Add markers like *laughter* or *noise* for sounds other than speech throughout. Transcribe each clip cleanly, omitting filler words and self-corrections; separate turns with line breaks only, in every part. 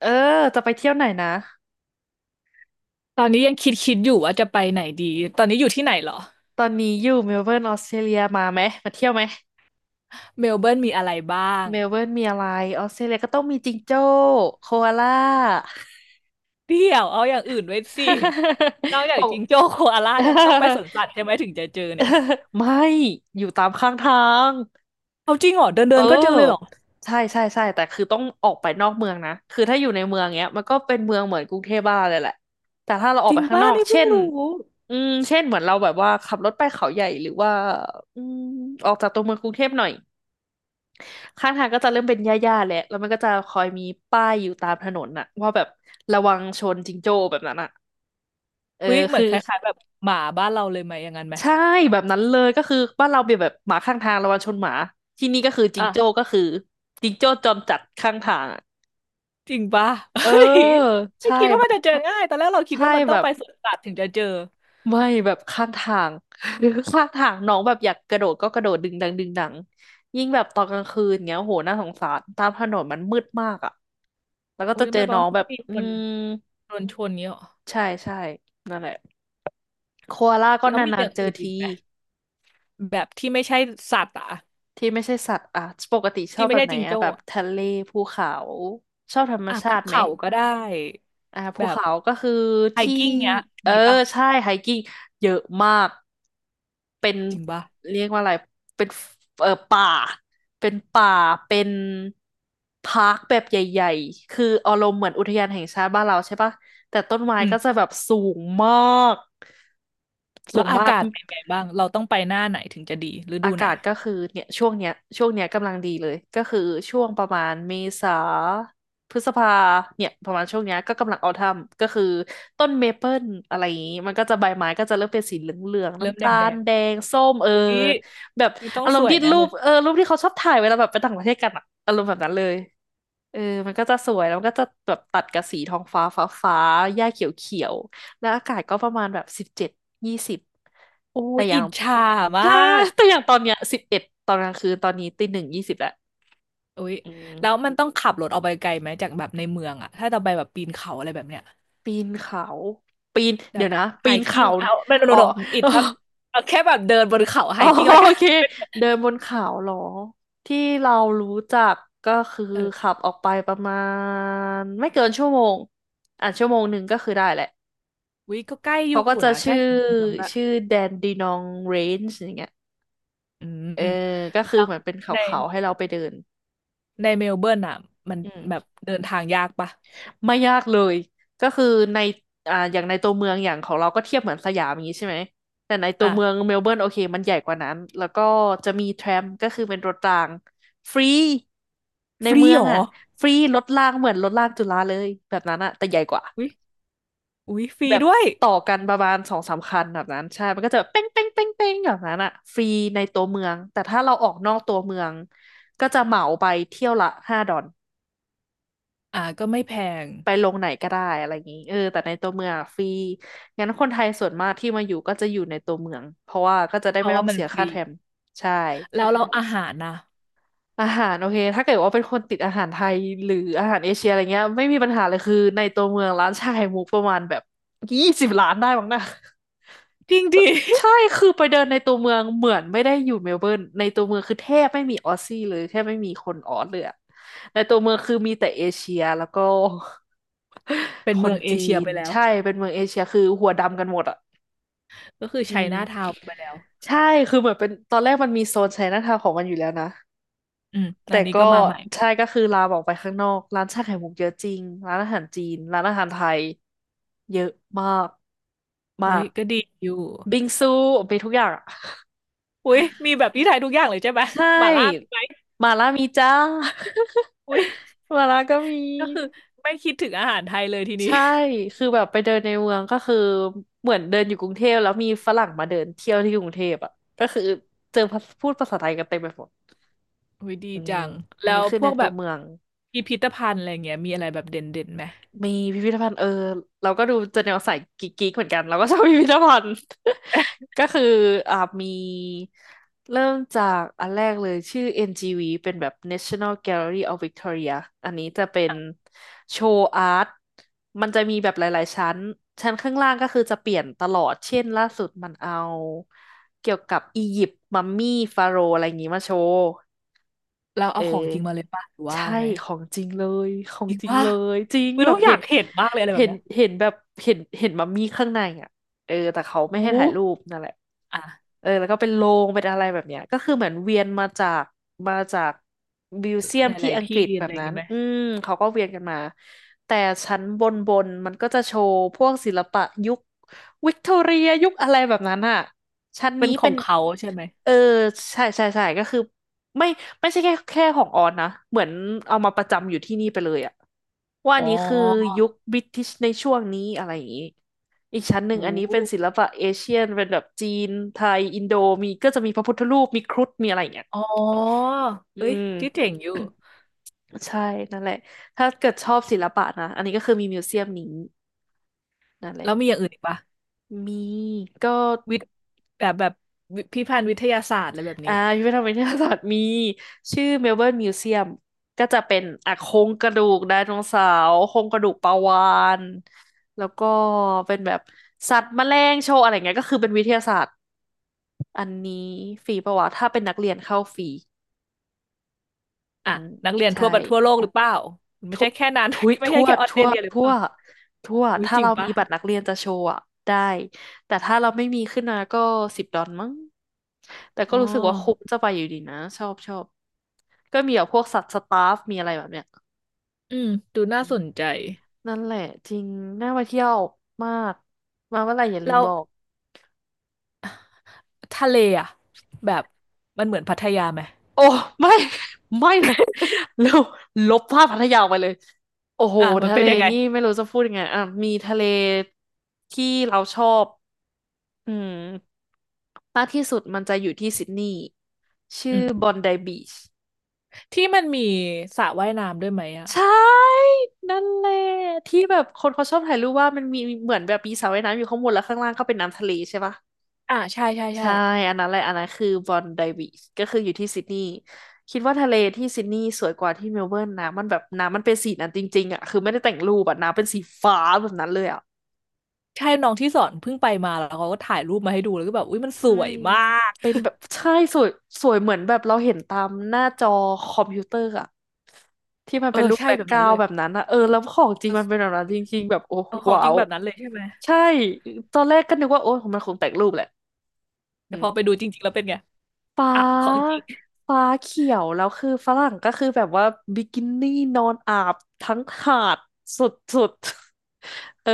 เออจะไปเที่ยวไหนนะ
ตอนนี้ยังคิดอยู่ว่าจะไปไหนดีตอนนี้อยู่ที่ไหนเหรอ
ตอนนี้อยู่เมลเบิร์นออสเตรเลียมาไหมมาเที่ยวไหม
เมลเบิร์นมีอะไรบ้าง
เมลเบิร์นมีอะไรออสเตรเลียก็ต้องมีจิงโจ้โคอาล่า
เดี๋ยวเอาอย่างอื่นไว้สินอก
*laughs*
จา
บ
ก
อก
จิงโจ้โคอาล่าเนี่
*laughs*
ยมันต้องไปสวนสัตว์ใช่ไหมถึงจะเจอเนี่ย
ไม่อยู่ตามข้างทาง
เอาจริงเหรอเดินเดิ
เอ
นก็เจอเลยเหรอ
อใช่ใช่ใช่แต่คือต้องออกไปนอกเมืองนะคือถ้าอยู่ในเมืองเนี้ยมันก็เป็นเมืองเหมือนกรุงเทพบ้านเาเลยแหละแต่ถ้าเราอ
จ
อก
ริ
ไป
ง
ข้าง
ป้า
นอก
นี่เพิ่
เช่
ง
น
รู้
เช่นเหมือนเราแบบว่าขับรถไปเขาใหญ่หรือว่าอืมออกจากตัวเมืองกรุงเทพหน่อย ข้างทางก็จะเริ่มเป็นหญ้าๆแหละแล้วมันก็จะคอยมีป้ายอยู่ตามถนนน่ะว่าแบบระวังชนจิงโจ้แบบนั้นอ่ะเออ
อุ๊ยเหมือ
คื
น
อ
คล้ายๆแบบหมาบ้านเราเลยไหมอย่างนั้นไหม
ใช่แบบนั้นเลยก็คือบ้านเราเป็นแบบหมาข้างทางระวังชนหมาที่นี่ก็คือจิงโจ้
อ่ะ
ก็คือจิงโจ้จอมจัดข้างทางอะ
จริงป้า *laughs* เฮ้
เออ
ยไม่
ใช่
คิดว่า
แบ
มัน
บ
จะเจอง่ายตอนแรกเราคิด
ใช่
ว่ามันต้
แบ
อง
บ
ไปสวนสัตว์ถึงจะเจอ
ไม่แบบข้างทาง *laughs* หรือข้างทางน้องแบบอยากกระโดดก็กระโดดดึงดังดึงดังยิ่งแบบตอนกลางคืนเงี้ยโหน่าสงสารตามถนนมันมืดมากอ่ะแล้วก็
อุ้
จะ
ย
เจอ
ไม่รา
น้อ
มั
ง
น
แบ
ก็
บ
มีคนโดนชนเนี้ยหรอ
ใช่ใช่นั่นแหละโคอาล่าก็
แล้วมีอ
นาน
ย่าง
ๆเจอ
อื่นอี
ที
กไหมแบบที่ไม่ใช่สัตว์อ่ะ
ที่ไม่ใช่สัตว์อ่ะปกติชอ
ที่
บ
ไม่
แบบ
ใช่
ไหน
จิง
อ่ะ
โจ้
แบบ
อะ
ทะเลภูเขาชอบธรรม
อ่ะ
ชา
ภู
ติไหม
เขาก็ได้
อ่า
แบ
ภู
บ
เขาก็คือ
ไฮ
ที่
กิ้งเนี้ย
เออ
มีปะ
ใช่ไฮกิ้งเยอะมากเป็น
จริงปะ
เรียกว่าอะไรเป็นเออป่าเป็นป่าเป็นพาร์คแบบใหญ่ๆคืออารมณ์เหมือนอุทยานแห่งชาติบ้านเราใช่ปะแต่ต้นไม้
อื
ก็จะ
ม
แบบสูงมากสู
แล้ว
ง
อา
มาก
กาศเป็นไงบ้างเราต้องไปหน้าไหนถึงจะดีฤดู
อา
ไหน
กาศก็คือเนี่ยช่วงเนี้ยช่วงเนี้ยกำลังดีเลยก็คือช่วงประมาณเมษาพฤษภาเนี่ยประมาณช่วงเนี้ยก็กำลังเอาทำก็คือต้นเมเปิลอะไรอย่างงี้มันก็จะใบไม้ก็จะเริ่มเป็นสีเหลืองๆ
เริ่ม
น้ำ
แด
ตา
งแด
ล
ง
แดงส้มเออ
อุ๊ย
แบบ
ไม่ต้อง
อาร
ส
มณ์
วย
ที่
แน่
รู
เล
ป
ย
เออรูปที่เขาชอบถ่ายเวลาแบบไปต่างประเทศกันอะอารมณ์แบบนั้นเลยเออมันก็จะสวยแล้วมันก็จะแบบตัดกับสีทองฟ้าฟ้าฟ้าหญ้าเขียวเขียวแล้วอากาศก็ประมาณแบบ17ยี่สิบ
โอ้
แต่
ย
อย่า
อิ
ง
จฉามา
ใช่
ก
แต่อย่างตอนเนี้ย11ตอนกลางคืนตอนนี้ตีหนึ่งยี่สิบแล้ว
อุ๊ย
อื
แล้ว
ม
มันต้องขับรถออกไปไกลไหมจากแบบในเมืองอะถ้าเราไปแบบปีนเขาอะไรแบบเนี้ย
ปีนเขาปีน
แบ
เดี๋ย
บ
วนะ
ไฮ
ปีน
กิ้
เขา
งเอาไม่โน
อ๋อ
โนอิ
*laughs*
ด
อ๋อ
น็อตเอาแค่แบบเดินบนเขาไฮ
อ๋อ
กิ้งละ
โอ
กัน
เคเดินบนเขาเหรอที่เรารู้จักก็คือ
เออ
ขับออกไปประมาณไม่เกินชั่วโมงอ่ะชั่วโมงหนึ่งก็คือได้แหละ
วิก็ใกล้อ
เขา
ยู่
ก็จะ
นะใก
ชื่
ล้
อ
กับในเมืองละ
ชื่อแดนดีนองเรนจ์อย่างเงี้ย
อื
เออ
ม
ก็คือ
แล้ว
เหมือนเป็นเข
ใน
าๆให้เราไปเดิน
ในเมลเบิร์นอ่ะมัน
อืม
แบบเดินทางยากปะ
ไม่ยากเลยก็คือในอ่าอย่างในตัวเมืองอย่างของเรา ก็เทียบเหมือนสยามอย่างนี้ใช่ไหมแต่ในตัวเมือง
อ่ะ
เมลเบิร์นโอเคมันใหญ่กว่านั้น แล้วก็จะมีแทรมก็คือเป็นรถรางฟรีใน
ฟรี
เมือ
เห
ง
รอ
อ่ะฟรีรถรางเหมือนรถรางจุฬาเลยแบบนั้นอ่ะแต่ใหญ่กว่า
อุ๊ยอุ๊ยฟรี
แบบ
ด้วย
ต่อกันประมาณสองสามคันแบบนั้นใช่มันก็จะเป้งเป้งเป้งเป้งแบบนั้นอ่ะฟรีในตัวเมืองแต่ถ้าเราออกนอกตัวเมืองก็จะเหมาไปเที่ยวละ5ดอน
อ่ะก็ไม่แพง
ไปลงไหนก็ได้อะไรอย่างงี้เออแต่ในตัวเมืองอะฟรีงั้นคนไทยส่วนมากที่มาอยู่ก็จะอยู่ในตัวเมืองเพราะว่าก็จะได้
เพ
ไม่
ราะ
ต้
ว่า
อง
มัน
เสีย
ฟ
ค่า
รี
แทรมใช่
แล้วเราอาหารนะ
อาหารโอเคถ้าเกิดว่าเป็นคนติดอาหารไทยหรืออาหารเอเชียอะไรเงี้ยไม่มีปัญหาเลยคือในตัวเมืองร้านชาไข่มุกประมาณแบบยี่สิบร้านได้บ้างนะ
จริงดิ
ใช่คือไปเดินในตัวเมืองเหมือนไม่ได้อยู่เมลเบิร์นในตัวเมืองคือแทบไม่มีออสซี่เลยแทบไม่มีคนออสเลยอะในตัวเมืองคือมีแต่เอเชียแล้วก็
*laughs* เป็น
*laughs* ค
เมื
น
องเอ
จี
เชีย
น
ไปแล้ว
ใช่เป็นเมืองเอเชียคือหัวดำกันหมดอ่ะ
ก็คือ
อื
ไช
ม
น่าทาวน์ไปแล้ว
ใช่ คือเหมือนเป็นตอนแรกมันมีโซนไชน่าทาวน์ของมันอยู่แล้วนะ
อืม
แต่
อันนี้
ก็
ก็มาใหม่
ใช่ก็คือลามออกไปข้างนอกร้านชาไข่มุกเยอะจริงร้านอาหารจีนร้านอาหารไทยเยอะมากมา
อุ๊ย
ก
ก็ดีอยู่
บิงซูมีทุกอย่างอะ
อุ๊ยมีแบบที่ไทยทุกอย่างเลยใช่ไหม
ใช่
หม่าล่ามีไหม
หมาล่ามีจ้า
อุ๊ย
*laughs* หมาล่าก็มี
ก็คือไม่คิดถึงอาหารไทยเลยทีนี้
ใช่คือแบบไปเดินในเมืองก็คือเหมือนเดินอยู่กรุงเทพแล้วมีฝรั่งมาเดินเที่ยวที่กรุงเทพอ่ะก็คือเจอพูดภาษาไทยกันเต็มไปหมด
อุ้ยดี
อื
จั
ม
ง
อั
แล้
นนี้
ว
คือ
พ
ใน
วก
ตั
แบ
ว
บ
เมือง
พิพิธภัณฑ์อะไรเงี้ยมีอะไรแบบเด่นเด่นไหม
มีพิพิธภัณฑ์เออเราก็ดูจะแนวสายกิ๊กๆเหมือนกันเราก็ชอบพิพิธภัณฑ์ *laughs* ก็คืออ่ามีเริ่มจากอันแรกเลยชื่อ NGV เป็นแบบ National Gallery of Victoria อันนี้จะเป็นโชว์อาร์ตมันจะมีแบบหลาย ๆ ชั้นชั้นข้างล่างก็คือจะเปลี่ยนตลอดเช่นล่าสุดมันเอาเกี่ยวกับอียิปต์มัมมี่ฟาโรห์อะไรอย่างนี้มาโชว์
เรา
เอ
เอาของจริ
อ
งมาเลยป่ะหรือว่า
ใช่
ไง
ข
อะ
องจริงเลยของ
จริง
จริง
ป่ะ
เลยจริง
อุ้ย
แบ
เรา
บ
อ
เห็
ยา
น
กเห็นมากเลยอะไรแบ
เห็
บ
น
เนี้ย
เห็นแบบเห็นเห็นมัมมี่ข้างในอ่ะเออแต่เขาไม่
โอ้
ให้ถ่ายรูปนั่นแหละ
อ่ะ
เออแล้วก็เป็นโรงเป็นอะไรแบบเนี้ยก็คือเหมือนเวียนมาจากมิวเซีย
ห
มที่
ลาย
อั
ๆ
งก
ที่
ฤษแบ
อะไร
บ
อย่าง
นั้น
งี้ไหม
อืมเขาก็เวียนกันมาแต่ชั้นบนมันก็จะโชว์พวกศิลปะยุควิกตอเรียยุคอะไรแบบนั้นอ่ะชั้น
เป็
นี้
นขอ
เป็
ง
น
เขาใช่ไหม
เออใช่ใช่ใช่ก็คือ ไม่ไม่ใช่แค่ของออนนะเหมือนเอามาประจำอยู่ที่นี่ไปเลยอะว่าอั
อ๋
น
อ
นี้คือยุคบริติชในช่วงนี้อะไรอย่างนี้อีกชั้นหนึ่ง
โอ้
อันนี้เป็นศิลปะเอเชียนเป็นแบบจีนไทยอินโดมีก็จะมีพระพุทธรูปมีครุฑมีอะไรอย่างเงี้ย
อ๋อ
อื
เอ้ย
ม
ที่เจ๋งอยู่
*coughs* ใช่นั่นแหละถ้าเกิดชอบศิลปะนะอันนี้ก็คือมีมิวเซียมนี้นั่นแหละ
แล้วมีอย่างอื่นอีกป่ะ
มีก็
วิทย์แบบแบบวิพิพิธภัณฑ์วิทยาศาสตร์อะไรแบบ
อ่า
นี้
พิพิธภัณฑ์วิทยาศาสตร์มีชื่อเมลเบิร์นมิวเซียมก็จะเป็นอ่ะโครงกระดูกไดโนเสาร์โครงกระดูกปลาวาฬแล้วก็เป็นแบบสัตว์แมลงโชว์อะไรเงี้ยก็คือเป็นวิทยาศาสตร์อันนี้ฟรีปะวะถ้าเป็นนักเรียนเข้าฟรี
อ่ะ
อืม
นักเรียน
ใช่
ทั่วประทั่วโลกหรือเปล่าไม่
ทั่ว
ใช่แค่นั้น
ทุย
*laughs* ไม่ใช่แค่ออสเตรเลียหรือ
ทั่
เป
ว
ล่า
ทั่ว
อุ้ย
ถ้า
จริง
เรามี
ป่ะ
บัตรนักเรียนจะโชว์อะได้แต่ถ้าเราไม่มีขึ้นมาก็10 ดอลมั้งแต่
อ๋
ก็
อ
รู้สึกว่าคุ้มจะไปอยู่ดีนะชอบชอบก็มีแบบพวกสัตว์สตาฟมีอะไรแบบเนี้ย
อืมดูน่าสนใจ
นั่นแหละจริงน่าไปเที่ยวมากมาเมื่อไหร่อย่าลื
แล้
ม
ว
บอก
ทะเลอ่ะแบบมันเหมือนพัทยาไหม
โอ้ไม่ *laughs* ไม่เลย *laughs* เร็วลบภาพพัทยาออกไปเลยโอ้โห
อ่ะมัน
ทะ
เป็
เล
นยังไง
นี่ไม่รู้จะพูดยังไงอ่ะมีทะเลที่เราชอบ อืมมากที่สุดมันจะอยู่ที่ซิดนีย์
อื
ชื่อ
ม
บอนไดบีช
ที่มันมีสระว่ายน้ำด้วยไหมอ่ะ
ใช่นั่นแหละที่แบบคนเขาชอบถ่ายรูปว่ามันมีเหมือนแบบมีสระว่ายน้ำอยู่ข้างบนแล้วข้างล่างก็เป็นน้ำทะเลใช่ปะ
อ่าใช่ใช่ใช่
ใช่อันนั้นแหละอันนั้นคือบอนไดบีชก็คืออยู่ที่ซิดนีย์คิดว่าทะเลที่ซิดนีย์สวยกว่าที่เมลเบิร์นนะมันแบบน้ำมันเป็นสีนั้นจริงๆอ่ะคือไม่ได้แต่งรูปอ่ะน้ำเป็นสีฟ้าแบบนั้นเลยอ่ะ
ใช่น้องที่สอนเพิ่งไปมาแล้วเขาก็ถ่ายรูปมาให้ดูแล้วก็แบบอุ้ยมันส
ใช่
วยมาก
เป็นแบบใช่สวยสวยเหมือนแบบเราเห็นตามหน้าจอคอมพิวเตอร์อะที่มัน
เออ
เป็นรูป
ใช่
แบ็ก
แบบ
กรา
นั้น
ว
เล
ด์
ย
แบบนั้นอะเออแล้วของจริงมันเป็นแบบนั้นจริงๆแบบโอ้
เอาของ
ว้า
จริง
ว
แบบนั้นเลยใช่ไหม
ใช่ตอนแรกก็นึกว่าโอ้มันคงแต่งรูปแหละอื
แต่
ม
พอไปดูจริงๆแล้วเป็นไง
ฟ้า
อ่ะของจริง
ฟ้าเขียวแล้วคือฝรั่งก็คือแบบว่าบิกินี่นอนอาบทั้งหาดสุดๆ *laughs* เออ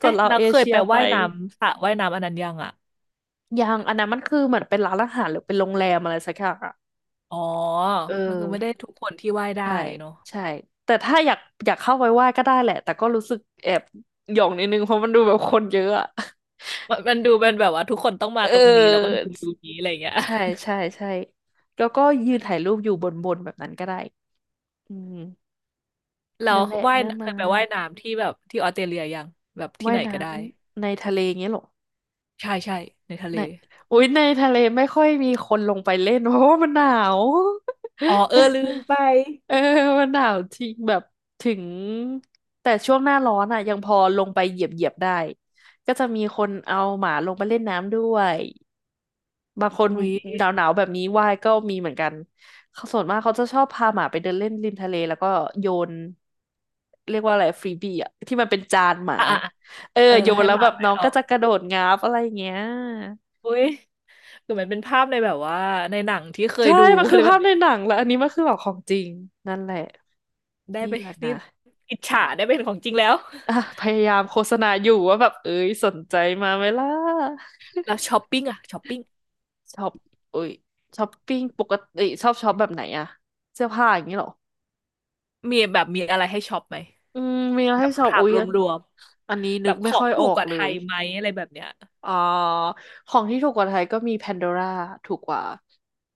ส่วน
เอ๊ะ
เรา
แล้ว
เอ
เคย
เชีย
ไป
ไป
ว่ายน้ำสระว่ายน้ำอันนั้นยังอ่ะ
ยังอันนั้นมันคือเหมือนเป็นร้านอาหารหรือเป็นโรงแรมอะไรสักอย่างอะ
อ๋อ
เออ
มันคือไม่ได้ทุกคนที่ว่ายได้
ใช่
เนาะ
ใช่แต่ถ้าอยากเข้าไปไหว้ก็ได้แหละแต่ก็รู้สึกแอบหย่องนิดนึงเพราะมันดูแบบคนเยอะอะ *laughs*
มันมันดูเป็นแบบว่าทุกคนต้องมา
เอ
ตรงนี้แล้วก็ดู
อ
ดูนี้อะไรอย่างเงี้ย
ใช่ใช่ใช่แล้วก็ยืนถ่ายรูปอยู่บนแบบนั้นก็ได้อืม
*laughs* แล้ว
นั่นแหละ
ว่าย
น่า
เค
มา
ยไปว่ายน้ำที่แบบที่ออสเตรเลียยังแบบที่
ว่า
ไห
ย
น
น้
ก็ได้
ำในทะเลเงี้ยเหรอ
ใช่ใช่ในทะเล
ในอุ๊ยในทะเลไม่ค่อยมีคนลงไปเล่น *laughs* เพราะว่ามันหนาว
อ๋อเออลืมไป
*laughs* เออมันหนาวจริงแบบถึงแต่ช่วงหน้าร้อนอ่ะยังพอลงไปเหยียบได้ก็จะมีคนเอาหมาลงไปเล่นน้ำด้วยบางคน
อุ๊ย
หนาวหนาวแบบนี้ว่ายก็มีเหมือนกันเขาส่วนมากเขาจะชอบพาหมาไปเดินเล่นริมทะเลแล้วก็โยนเรียกว่าอะไรฟรีบี้อะที่มันเป็นจานหมา
อ่ะอ่ะอ่ะ
เออ
เออ
โย
แล้ว
น
ให้
แล้
ห
ว
มา
แบบ
ไป
น้อง
เอา
ก็จะกระโดดงาบอะไรอย่างเงี้ย
อุ๊ยคือมันเป็นภาพในแบบว่าในหนังที่เคย
ใช่
ดู
มั
*laughs*
น
อะ
คื
ไร
อ
แบ
ภา
บ
พใน
นี้
หนังแล้วอันนี้มันคือแบบของจริงนั่นแหละ
ได้
นี่
ไป
แหละ
นี่
นะ
อิจฉาได้เป็นของจริงแล้ว
อ่ะพยายามโฆษณาอยู่ว่าแบบเอ้ยสนใจมาไหมล่ะ
แล้วช้อปปิ้งอะช้อปปิ้ง
ช็อปเอ้ยช้อปปิ้งปกติชอบช็อปแบบไหนอะเสื้อผ้าอย่างนี้เหรอ
มีแบบมีอะไรให้ช็อปไหม
อืมมีอะไร
แบ
ให้
บ
ช็อป
ถาม
อุ้ยอัน
รวม
อันนี้
ๆแบ
นึก
บข
ไม่
อ
ค่
ง
อย
ถู
ออ
กก
ก
ว่า
เล
ไท
ย
ยไหมอะไรแบบเนี้ย
อ่าของที่ถูกกว่าไทยก็มี Pandora ถูกกว่า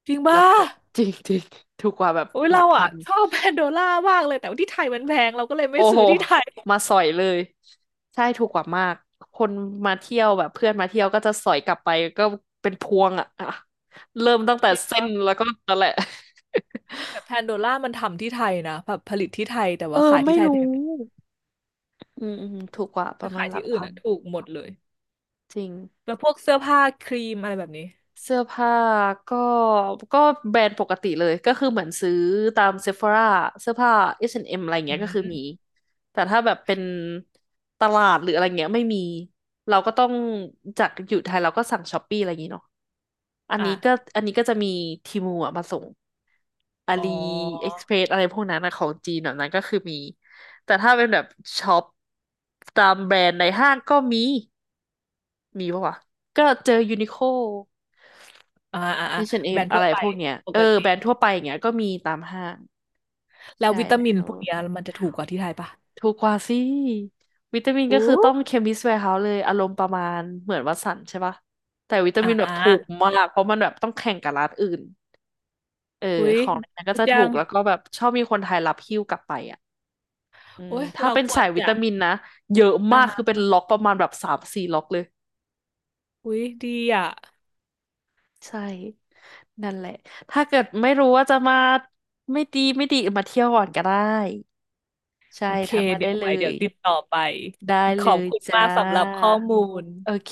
จริง
แล้
ป่ะ
วก็ *laughs* จริงจริงถูกกว่าแบบ
อุ้ย
หลั
เรา
กพั
อ่ะ
น
ชอบแพนโดล่ามากเลยแต่ว่าที่ไทยมันแพงเราก็เลยไม่
โอ้
ซื้
โห
อที่ไทย
มาสอยเลย ใช่ ถูกกว่ามาก คนมาเที่ยวแบบเพื่อนมาเที่ยวก็จะสอยกลับไปก็เป็นพวงอ่ะอะเริ่มตั้งแต่
จริง
เส้น
ปะ
แล้วก็นั่นแหละ
แต่แพนโดล่ามันทำที่ไทยนะแบบผลิตที่ไทยแต่
เออ
ว่าขาย
ไม่
ที่ไทยแพ
รู้
ง
อืมอืมถูกกว่าป
ถ้า
ระมาณ
ขาย
หลั
ที่
ก
อื่น
พัน
อ่ะถูกหมดเลย
จริง
แล้วพวกเสื้อผ้าครีมอะไรแบบนี้
เสื้อผ้าก็ก็แบรนด์ปกติเลยก็คือเหมือนซื้อตามเซฟ h o ร a เสื้อผ้า H&M อสแอนด์เอ็มอะไร
อื
เงี้ยก็คือมี
ม
แต่ถ้าแบบเป็นตลาดหรืออะไรเงี้ยไม่มีเราก็ต้องจากอยู่ไทยเราก็สั่งช้อปปี้อะไรอย่างงี้เนาะอัน
อ่ะ
นี้ก็อันนี้ก็จะมีทีมูอะมาส่งอา
อ๋อ
ลีเอ็กซ์เพรสอะไรพวกนั้นนะของจีนแบบนั้นก็คือมีแต่ถ้าเป็นแบบช็อปตามแบรนด์ในห้างก็มีมีปะวะก็เจอยูนิโค
อ่าอ่าอ่าแบร
H&M อช
นด์
แอน
ทั่ว
ด์เอ็มอะ
ไป
ไรพวกเนี้ย
ป
เอ
ก
อ
ติ
แบรนด์ทั่วไปอย่างเงี้ยก็มีตามห้าง
แล้ว
ใช่
วิตา
แล้
มิน
ว
พวกเนี้ยมันจะถูกกว่าที่ไทยปะ
ถูกกว่าสิวิตามินก็คือ
อู้
ต้อง Chemist Warehouse เลยอารมณ์ประมาณเหมือนวัตสันใช่ปะแต่วิตา
อ่
มินแบบถูก
า
มากเพราะมันแบบต้องแข่งกับร้านอื่นเออ
อุ้ย
ของนั้นก็
ดี
จะ
จั
ถูก
ง
แล้วก็แบบชอบมีคนไทยรับหิ้วกลับไปอ่ะอืม
โอ้ย
ถ้า
เรา
เป็น
คว
สา
ร
ยวิ
จะ
ตามินนะเยอะ
อ่า
มาก
ฮะ
คือเป็นล็อกประมาณแบบ3-4 ล็อกเลย
อุ้ยดีอ่ะ
ใช่นั่นแหละถ้าเกิดไม่รู้ว่าจะมาไม่ดีมาเที่ยวก่อนก็ได้ ใช่
โอเค
ทักมา
เดี๋
ได้
ยว
เล
ไว้เดี๋
ย
ยวติดต่อไป
ได้
ข
เล
อบ
ย
คุณ
จ้า
มากสำหรับข้อมูล
โอเค